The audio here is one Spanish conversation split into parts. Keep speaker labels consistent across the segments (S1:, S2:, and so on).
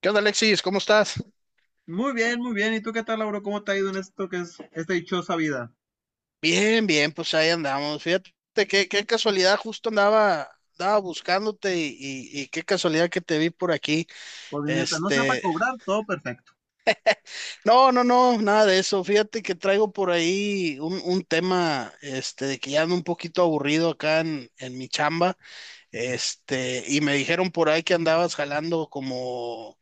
S1: ¿Qué onda, Alexis? ¿Cómo estás?
S2: Muy bien, muy bien. ¿Y tú qué tal, Lauro? ¿Cómo te ha ido en esto que es esta dichosa vida?
S1: Bien, bien, pues ahí andamos. Fíjate, qué casualidad, justo andaba buscándote y qué casualidad que te vi por aquí.
S2: Pues mientras no sea para
S1: Este,
S2: cobrar, todo perfecto,
S1: no, no, no, nada de eso. Fíjate que traigo por ahí un tema, este, de que ya ando un poquito aburrido acá en mi chamba. Este, y me dijeron por ahí que andabas jalando como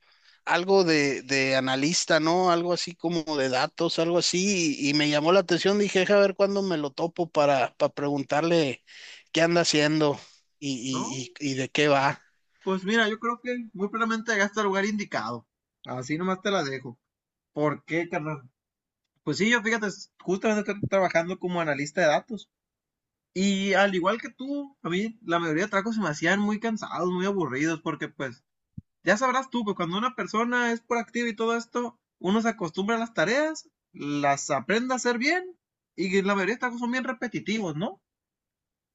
S1: algo de analista, ¿no? Algo así como de datos, algo así, y me llamó la atención, dije, "Deja ver cuándo me lo topo para preguntarle qué anda haciendo
S2: ¿no?
S1: y de qué va.
S2: Pues mira, yo creo que muy probablemente llegaste al lugar indicado. Así nomás te la dejo. ¿Por qué, carnal? Pues sí, yo fíjate, justamente estoy trabajando como analista de datos. Y al igual que tú, a mí la mayoría de trabajos se me hacían muy cansados, muy aburridos, porque pues ya sabrás tú que cuando una persona es proactiva y todo esto, uno se acostumbra a las tareas, las aprende a hacer bien y la mayoría de estas cosas son bien repetitivos, ¿no?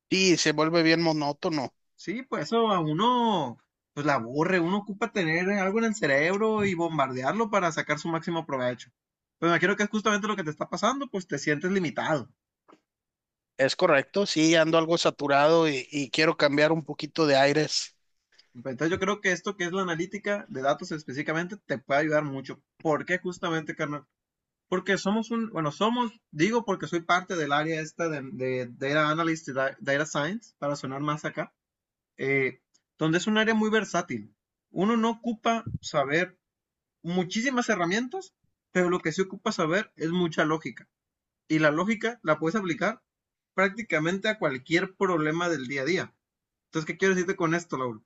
S1: Y se vuelve bien monótono.
S2: Sí, pues eso a uno pues la aburre, uno ocupa tener algo en el cerebro y bombardearlo para sacar su máximo provecho. Pues me imagino que es justamente lo que te está pasando, pues te sientes limitado.
S1: Es correcto, sí, ando algo saturado y quiero cambiar un poquito de aires.
S2: Entonces yo creo que esto que es la analítica de datos específicamente te puede ayudar mucho. ¿Por qué justamente, carnal? Porque somos un, bueno, somos, digo porque soy parte del área esta de Data Analyst y Data Science, para sonar más acá. eh, Donde es un área muy versátil. Uno no ocupa saber muchísimas herramientas, pero lo que sí ocupa saber es mucha lógica. Y la lógica la puedes aplicar prácticamente a cualquier problema del día a día. Entonces, ¿qué quiero decirte con esto, Lauro?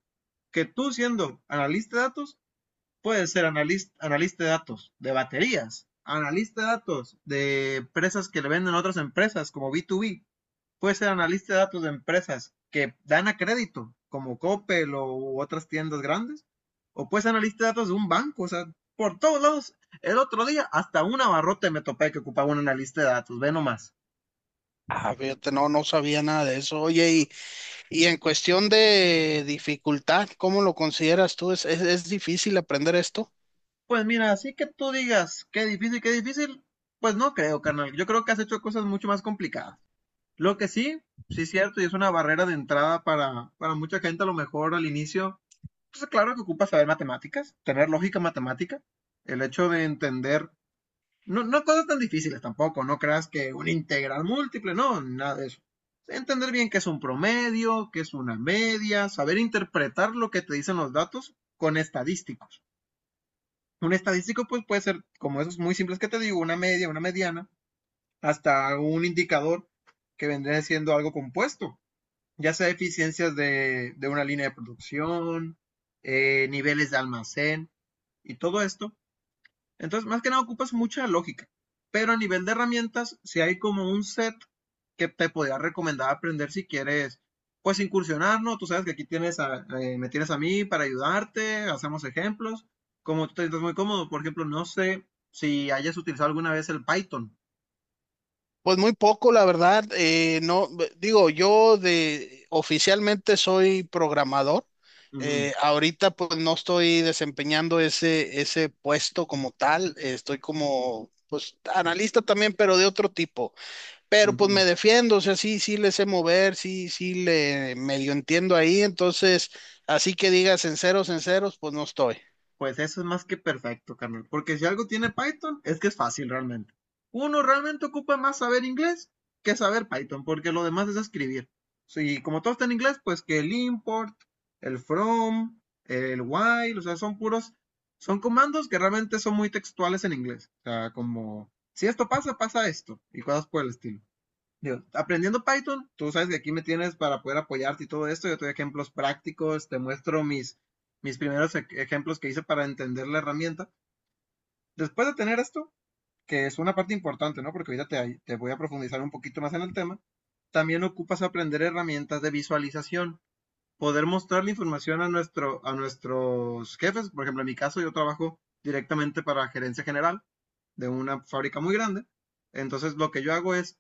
S2: Que tú siendo analista de datos, puede ser analista, analista de datos de baterías, analista de datos de empresas que le venden a otras empresas como B2B. Puede ser analista de datos de empresas que dan a crédito como Coppel o u otras tiendas grandes. O puede ser analista de datos de un banco. O sea, por todos lados. El otro día hasta una barrota me topé que ocupaba un analista de datos. Ve nomás.
S1: Ah, fíjate, no, no sabía nada de eso. Oye, y en cuestión de dificultad, ¿cómo lo consideras tú? ¿Es difícil aprender esto?
S2: Pues mira, así que tú digas, qué difícil, qué difícil. Pues no creo, carnal. Yo creo que has hecho cosas mucho más complicadas. Lo que sí, sí es cierto, y es una barrera de entrada para mucha gente a lo mejor al inicio. Pues claro que ocupa saber matemáticas, tener lógica matemática, el hecho de entender, no, no cosas tan difíciles tampoco, no creas que un integral múltiple, no, nada de eso. Entender bien qué es un promedio, qué es una media, saber interpretar lo que te dicen los datos con estadísticos. Un estadístico pues puede ser como esos muy simples que te digo, una media, una mediana, hasta un indicador que vendría siendo algo compuesto, ya sea eficiencias de una línea de producción, niveles de almacén y todo esto. Entonces, más que nada ocupas mucha lógica. Pero a nivel de herramientas, si hay como un set que te podría recomendar aprender si quieres, pues incursionar, ¿no? Tú sabes que aquí tienes me tienes a mí para ayudarte, hacemos ejemplos. Como tú te sientes muy cómodo, por ejemplo, no sé si hayas utilizado alguna vez el Python.
S1: Pues muy poco, la verdad. No, b- Digo, yo de oficialmente soy programador.
S2: Ujú,
S1: Ahorita pues no estoy desempeñando ese puesto como tal. Estoy como pues analista también, pero de otro tipo. Pero pues me
S2: ujú.
S1: defiendo, o sea, sí, sí le sé mover, sí, sí le medio entiendo ahí, entonces, así que digas en ceros, pues no estoy.
S2: Pues eso es más que perfecto, carnal. Porque si algo tiene Python, es que es fácil realmente. Uno realmente ocupa más saber inglés que saber Python, porque lo demás es escribir. Y como todo está en inglés, pues que el import, el from, el while, o sea, son comandos que realmente son muy textuales en inglés. O sea, como, si esto pasa, pasa esto, y cosas por el estilo. Digo, aprendiendo Python, tú sabes que aquí me tienes para poder apoyarte y todo esto. Yo te doy ejemplos prácticos, te muestro mis primeros ejemplos que hice para entender la herramienta. Después de tener esto, que es una parte importante, ¿no? Porque ahorita te voy a profundizar un poquito más en el tema, también ocupas aprender herramientas de visualización, poder mostrar la información a nuestros jefes. Por ejemplo, en mi caso, yo trabajo directamente para gerencia general de una fábrica muy grande. Entonces, lo que yo hago es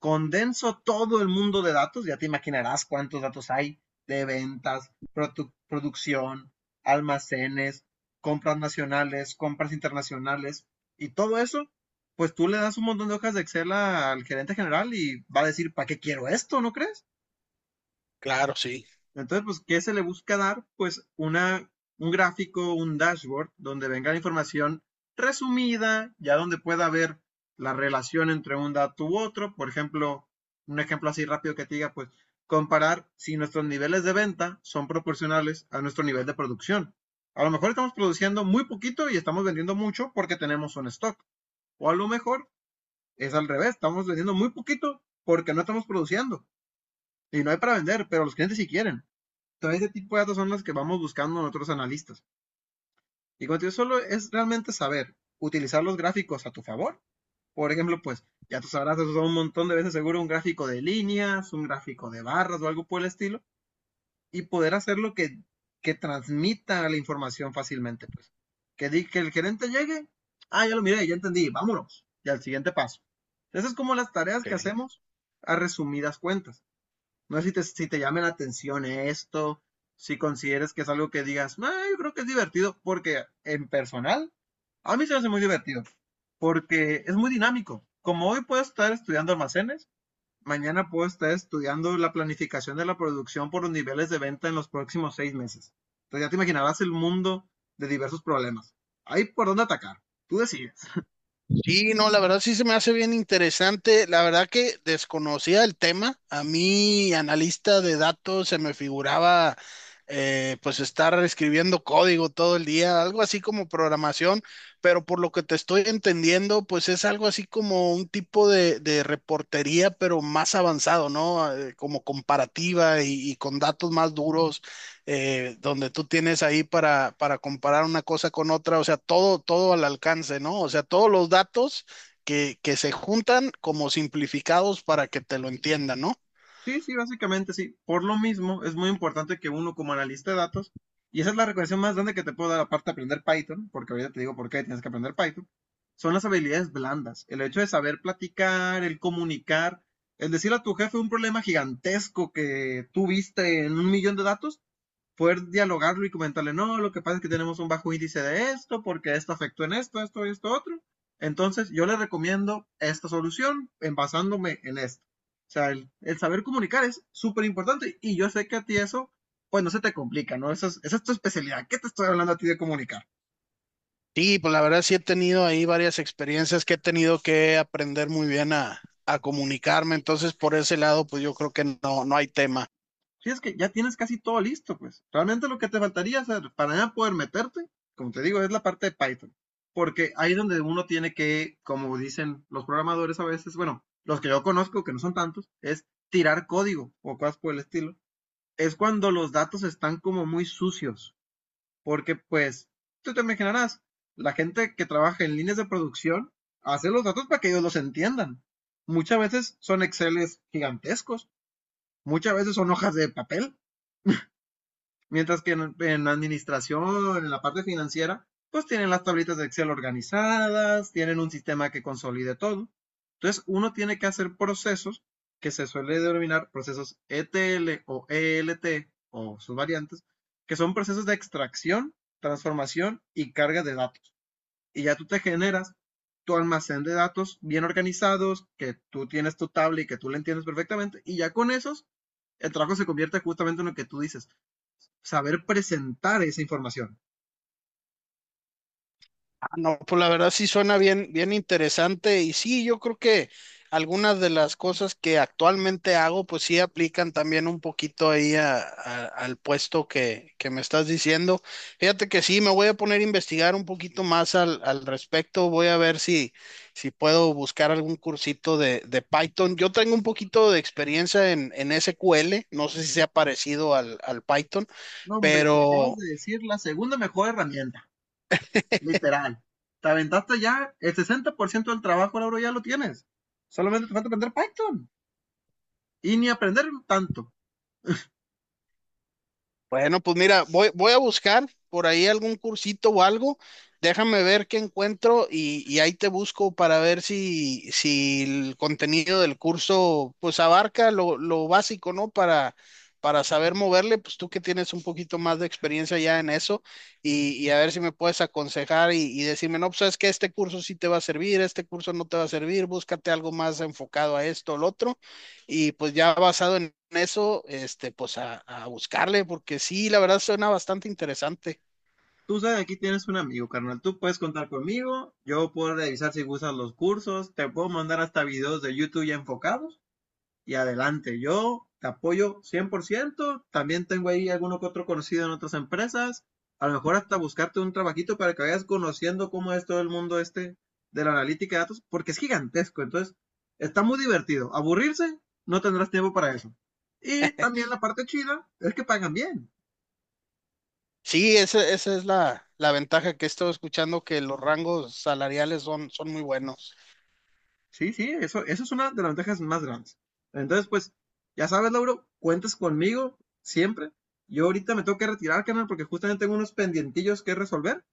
S2: condenso todo el mundo de datos, ya te imaginarás cuántos datos hay de ventas, producción, almacenes, compras nacionales, compras internacionales y todo eso. Pues tú le das un montón de hojas de Excel al gerente general y va a decir, ¿para qué quiero esto? ¿No crees?
S1: Claro, sí.
S2: Entonces, pues, ¿qué se le busca dar? Pues un gráfico, un dashboard, donde venga la información resumida, ya donde pueda haber la relación entre un dato u otro. Por ejemplo, un ejemplo así rápido que te diga, pues, comparar si nuestros niveles de venta son proporcionales a nuestro nivel de producción. A lo mejor estamos produciendo muy poquito y estamos vendiendo mucho porque tenemos un stock. O a lo mejor es al revés, estamos vendiendo muy poquito porque no estamos produciendo y no hay para vender, pero los clientes sí quieren. Todo ese tipo de datos son los que vamos buscando nosotros analistas. Y cuando yo solo es realmente saber utilizar los gráficos a tu favor. Por ejemplo, pues ya tú sabrás, eso un montón de veces seguro, un gráfico de líneas, un gráfico de barras o algo por el estilo, y poder hacer que transmita la información fácilmente. Pues que, que el gerente llegue, ah, ya lo miré, ya entendí, vámonos, y al siguiente paso. Esas es como las tareas
S1: Ok.
S2: que hacemos a resumidas cuentas. No sé si te llame la atención esto, si consideres que es algo que digas, no, yo creo que es divertido, porque en personal, a mí se me hace muy divertido, porque es muy dinámico. Como hoy puedo estar estudiando almacenes, mañana puedo estar estudiando la planificación de la producción por los niveles de venta en los próximos 6 meses. Entonces ya te imaginarás el mundo de diversos problemas. Ahí por dónde atacar. Tú decides.
S1: Sí, no, la verdad sí se me hace bien interesante. La verdad que desconocía el tema. A mí, analista de datos, se me figuraba pues estar escribiendo código todo el día, algo así como programación, pero por lo que te estoy entendiendo, pues es algo así como un tipo de reportería, pero más avanzado, ¿no? Como comparativa y con datos más duros donde tú tienes ahí para comparar una cosa con otra, o sea, todo, todo al alcance, ¿no? O sea, todos los datos que se juntan como simplificados para que te lo entiendan, ¿no?
S2: Sí, sí, básicamente sí. Por lo mismo, es muy importante que uno como analista de datos, y esa es la recomendación más grande que te puedo dar aparte de aprender Python, porque ahorita te digo por qué tienes que aprender Python, son las habilidades blandas. El hecho de saber platicar, el comunicar, el decirle a tu jefe un problema gigantesco que tuviste en un millón de datos, poder dialogarlo y comentarle, no, lo que pasa es que tenemos un bajo índice de esto, porque esto afectó en esto, esto, y esto, otro. Entonces, yo le recomiendo esta solución en basándome en esto. O sea, el saber comunicar es súper importante y yo sé que a ti eso, pues no se te complica, ¿no? Esa es tu especialidad. ¿Qué te estoy hablando a ti de comunicar?
S1: Sí, pues la verdad sí he tenido ahí varias experiencias que he tenido que aprender muy bien a comunicarme, entonces por ese lado, pues yo creo que no, no hay tema.
S2: Sí, es que ya tienes casi todo listo, pues. Realmente lo que te faltaría hacer para ya poder meterte, como te digo, es la parte de Python. Porque ahí es donde uno tiene que, como dicen los programadores a veces, bueno, los que yo conozco, que no son tantos, es tirar código o cosas por el estilo. Es cuando los datos están como muy sucios. Porque, pues, tú te imaginarás, la gente que trabaja en líneas de producción hace los datos para que ellos los entiendan. Muchas veces son Exceles gigantescos, muchas veces son hojas de papel. Mientras que en administración, en la parte financiera, pues tienen las tablitas de Excel organizadas, tienen un sistema que consolide todo. Entonces, uno tiene que hacer procesos que se suele denominar procesos ETL o ELT o sus variantes, que son procesos de extracción, transformación y carga de datos. Y ya tú te generas tu almacén de datos bien organizados, que tú tienes tu tabla y que tú la entiendes perfectamente, y ya con esos, el trabajo se convierte justamente en lo que tú dices, saber presentar esa información.
S1: No, pues la verdad sí suena bien, bien interesante y sí, yo creo que algunas de las cosas que actualmente hago, pues sí aplican también un poquito ahí al puesto que me estás diciendo. Fíjate que sí, me voy a poner a investigar un poquito más al respecto, voy a ver si puedo buscar algún cursito de Python. Yo tengo un poquito de experiencia en SQL, no sé si sea parecido al Python.
S2: No, hombre, te acabas
S1: Pero
S2: de decir la segunda mejor herramienta, literal. Te aventaste ya el 60% del trabajo, Lauro, ya lo tienes. Solamente te falta aprender Python y ni aprender tanto.
S1: bueno, pues mira, voy a buscar por ahí algún cursito o algo. Déjame ver qué encuentro y ahí te busco para ver si el contenido del curso pues abarca lo básico, ¿no? Para saber moverle, pues tú que tienes un poquito más de experiencia ya en eso y a ver si me puedes aconsejar y decirme, no, pues sabes que este curso sí te va a servir, este curso no te va a servir, búscate algo más enfocado a esto o lo otro y pues ya basado en eso, este, pues a buscarle, porque sí, la verdad suena bastante interesante.
S2: Tú sabes, aquí tienes un amigo, carnal. Tú puedes contar conmigo. Yo puedo revisar si gustas los cursos. Te puedo mandar hasta videos de YouTube ya enfocados. Y adelante. Yo te apoyo 100%. También tengo ahí alguno que otro conocido en otras empresas. A lo mejor hasta buscarte un trabajito para que vayas conociendo cómo es todo el mundo este de la analítica de datos, porque es gigantesco. Entonces, está muy divertido. Aburrirse, no tendrás tiempo para eso. Y también la parte chida es que pagan bien.
S1: Sí, esa es la, la ventaja que he estado escuchando, que los rangos salariales son, son muy buenos.
S2: Sí, sí, eso es una de las ventajas más grandes. Entonces, pues, ya sabes, Lauro, cuentas conmigo siempre. Yo ahorita me tengo que retirar, canal, porque justamente tengo unos pendientillos que resolver.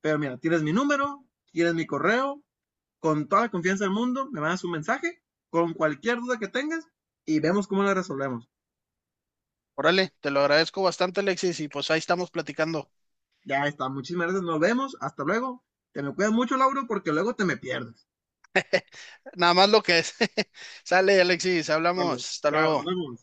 S2: Pero mira, tienes mi número, tienes mi correo, con toda la confianza del mundo, me mandas un mensaje con cualquier duda que tengas y vemos cómo la resolvemos.
S1: Órale, te lo agradezco bastante, Alexis, y pues ahí estamos platicando.
S2: Ya está, muchísimas gracias, nos vemos, hasta luego. Te me cuidas mucho, Lauro, porque luego te me pierdes.
S1: Nada más lo que es. Sale, Alexis,
S2: Vale,
S1: hablamos. Hasta
S2: chao,
S1: luego.
S2: nos vemos.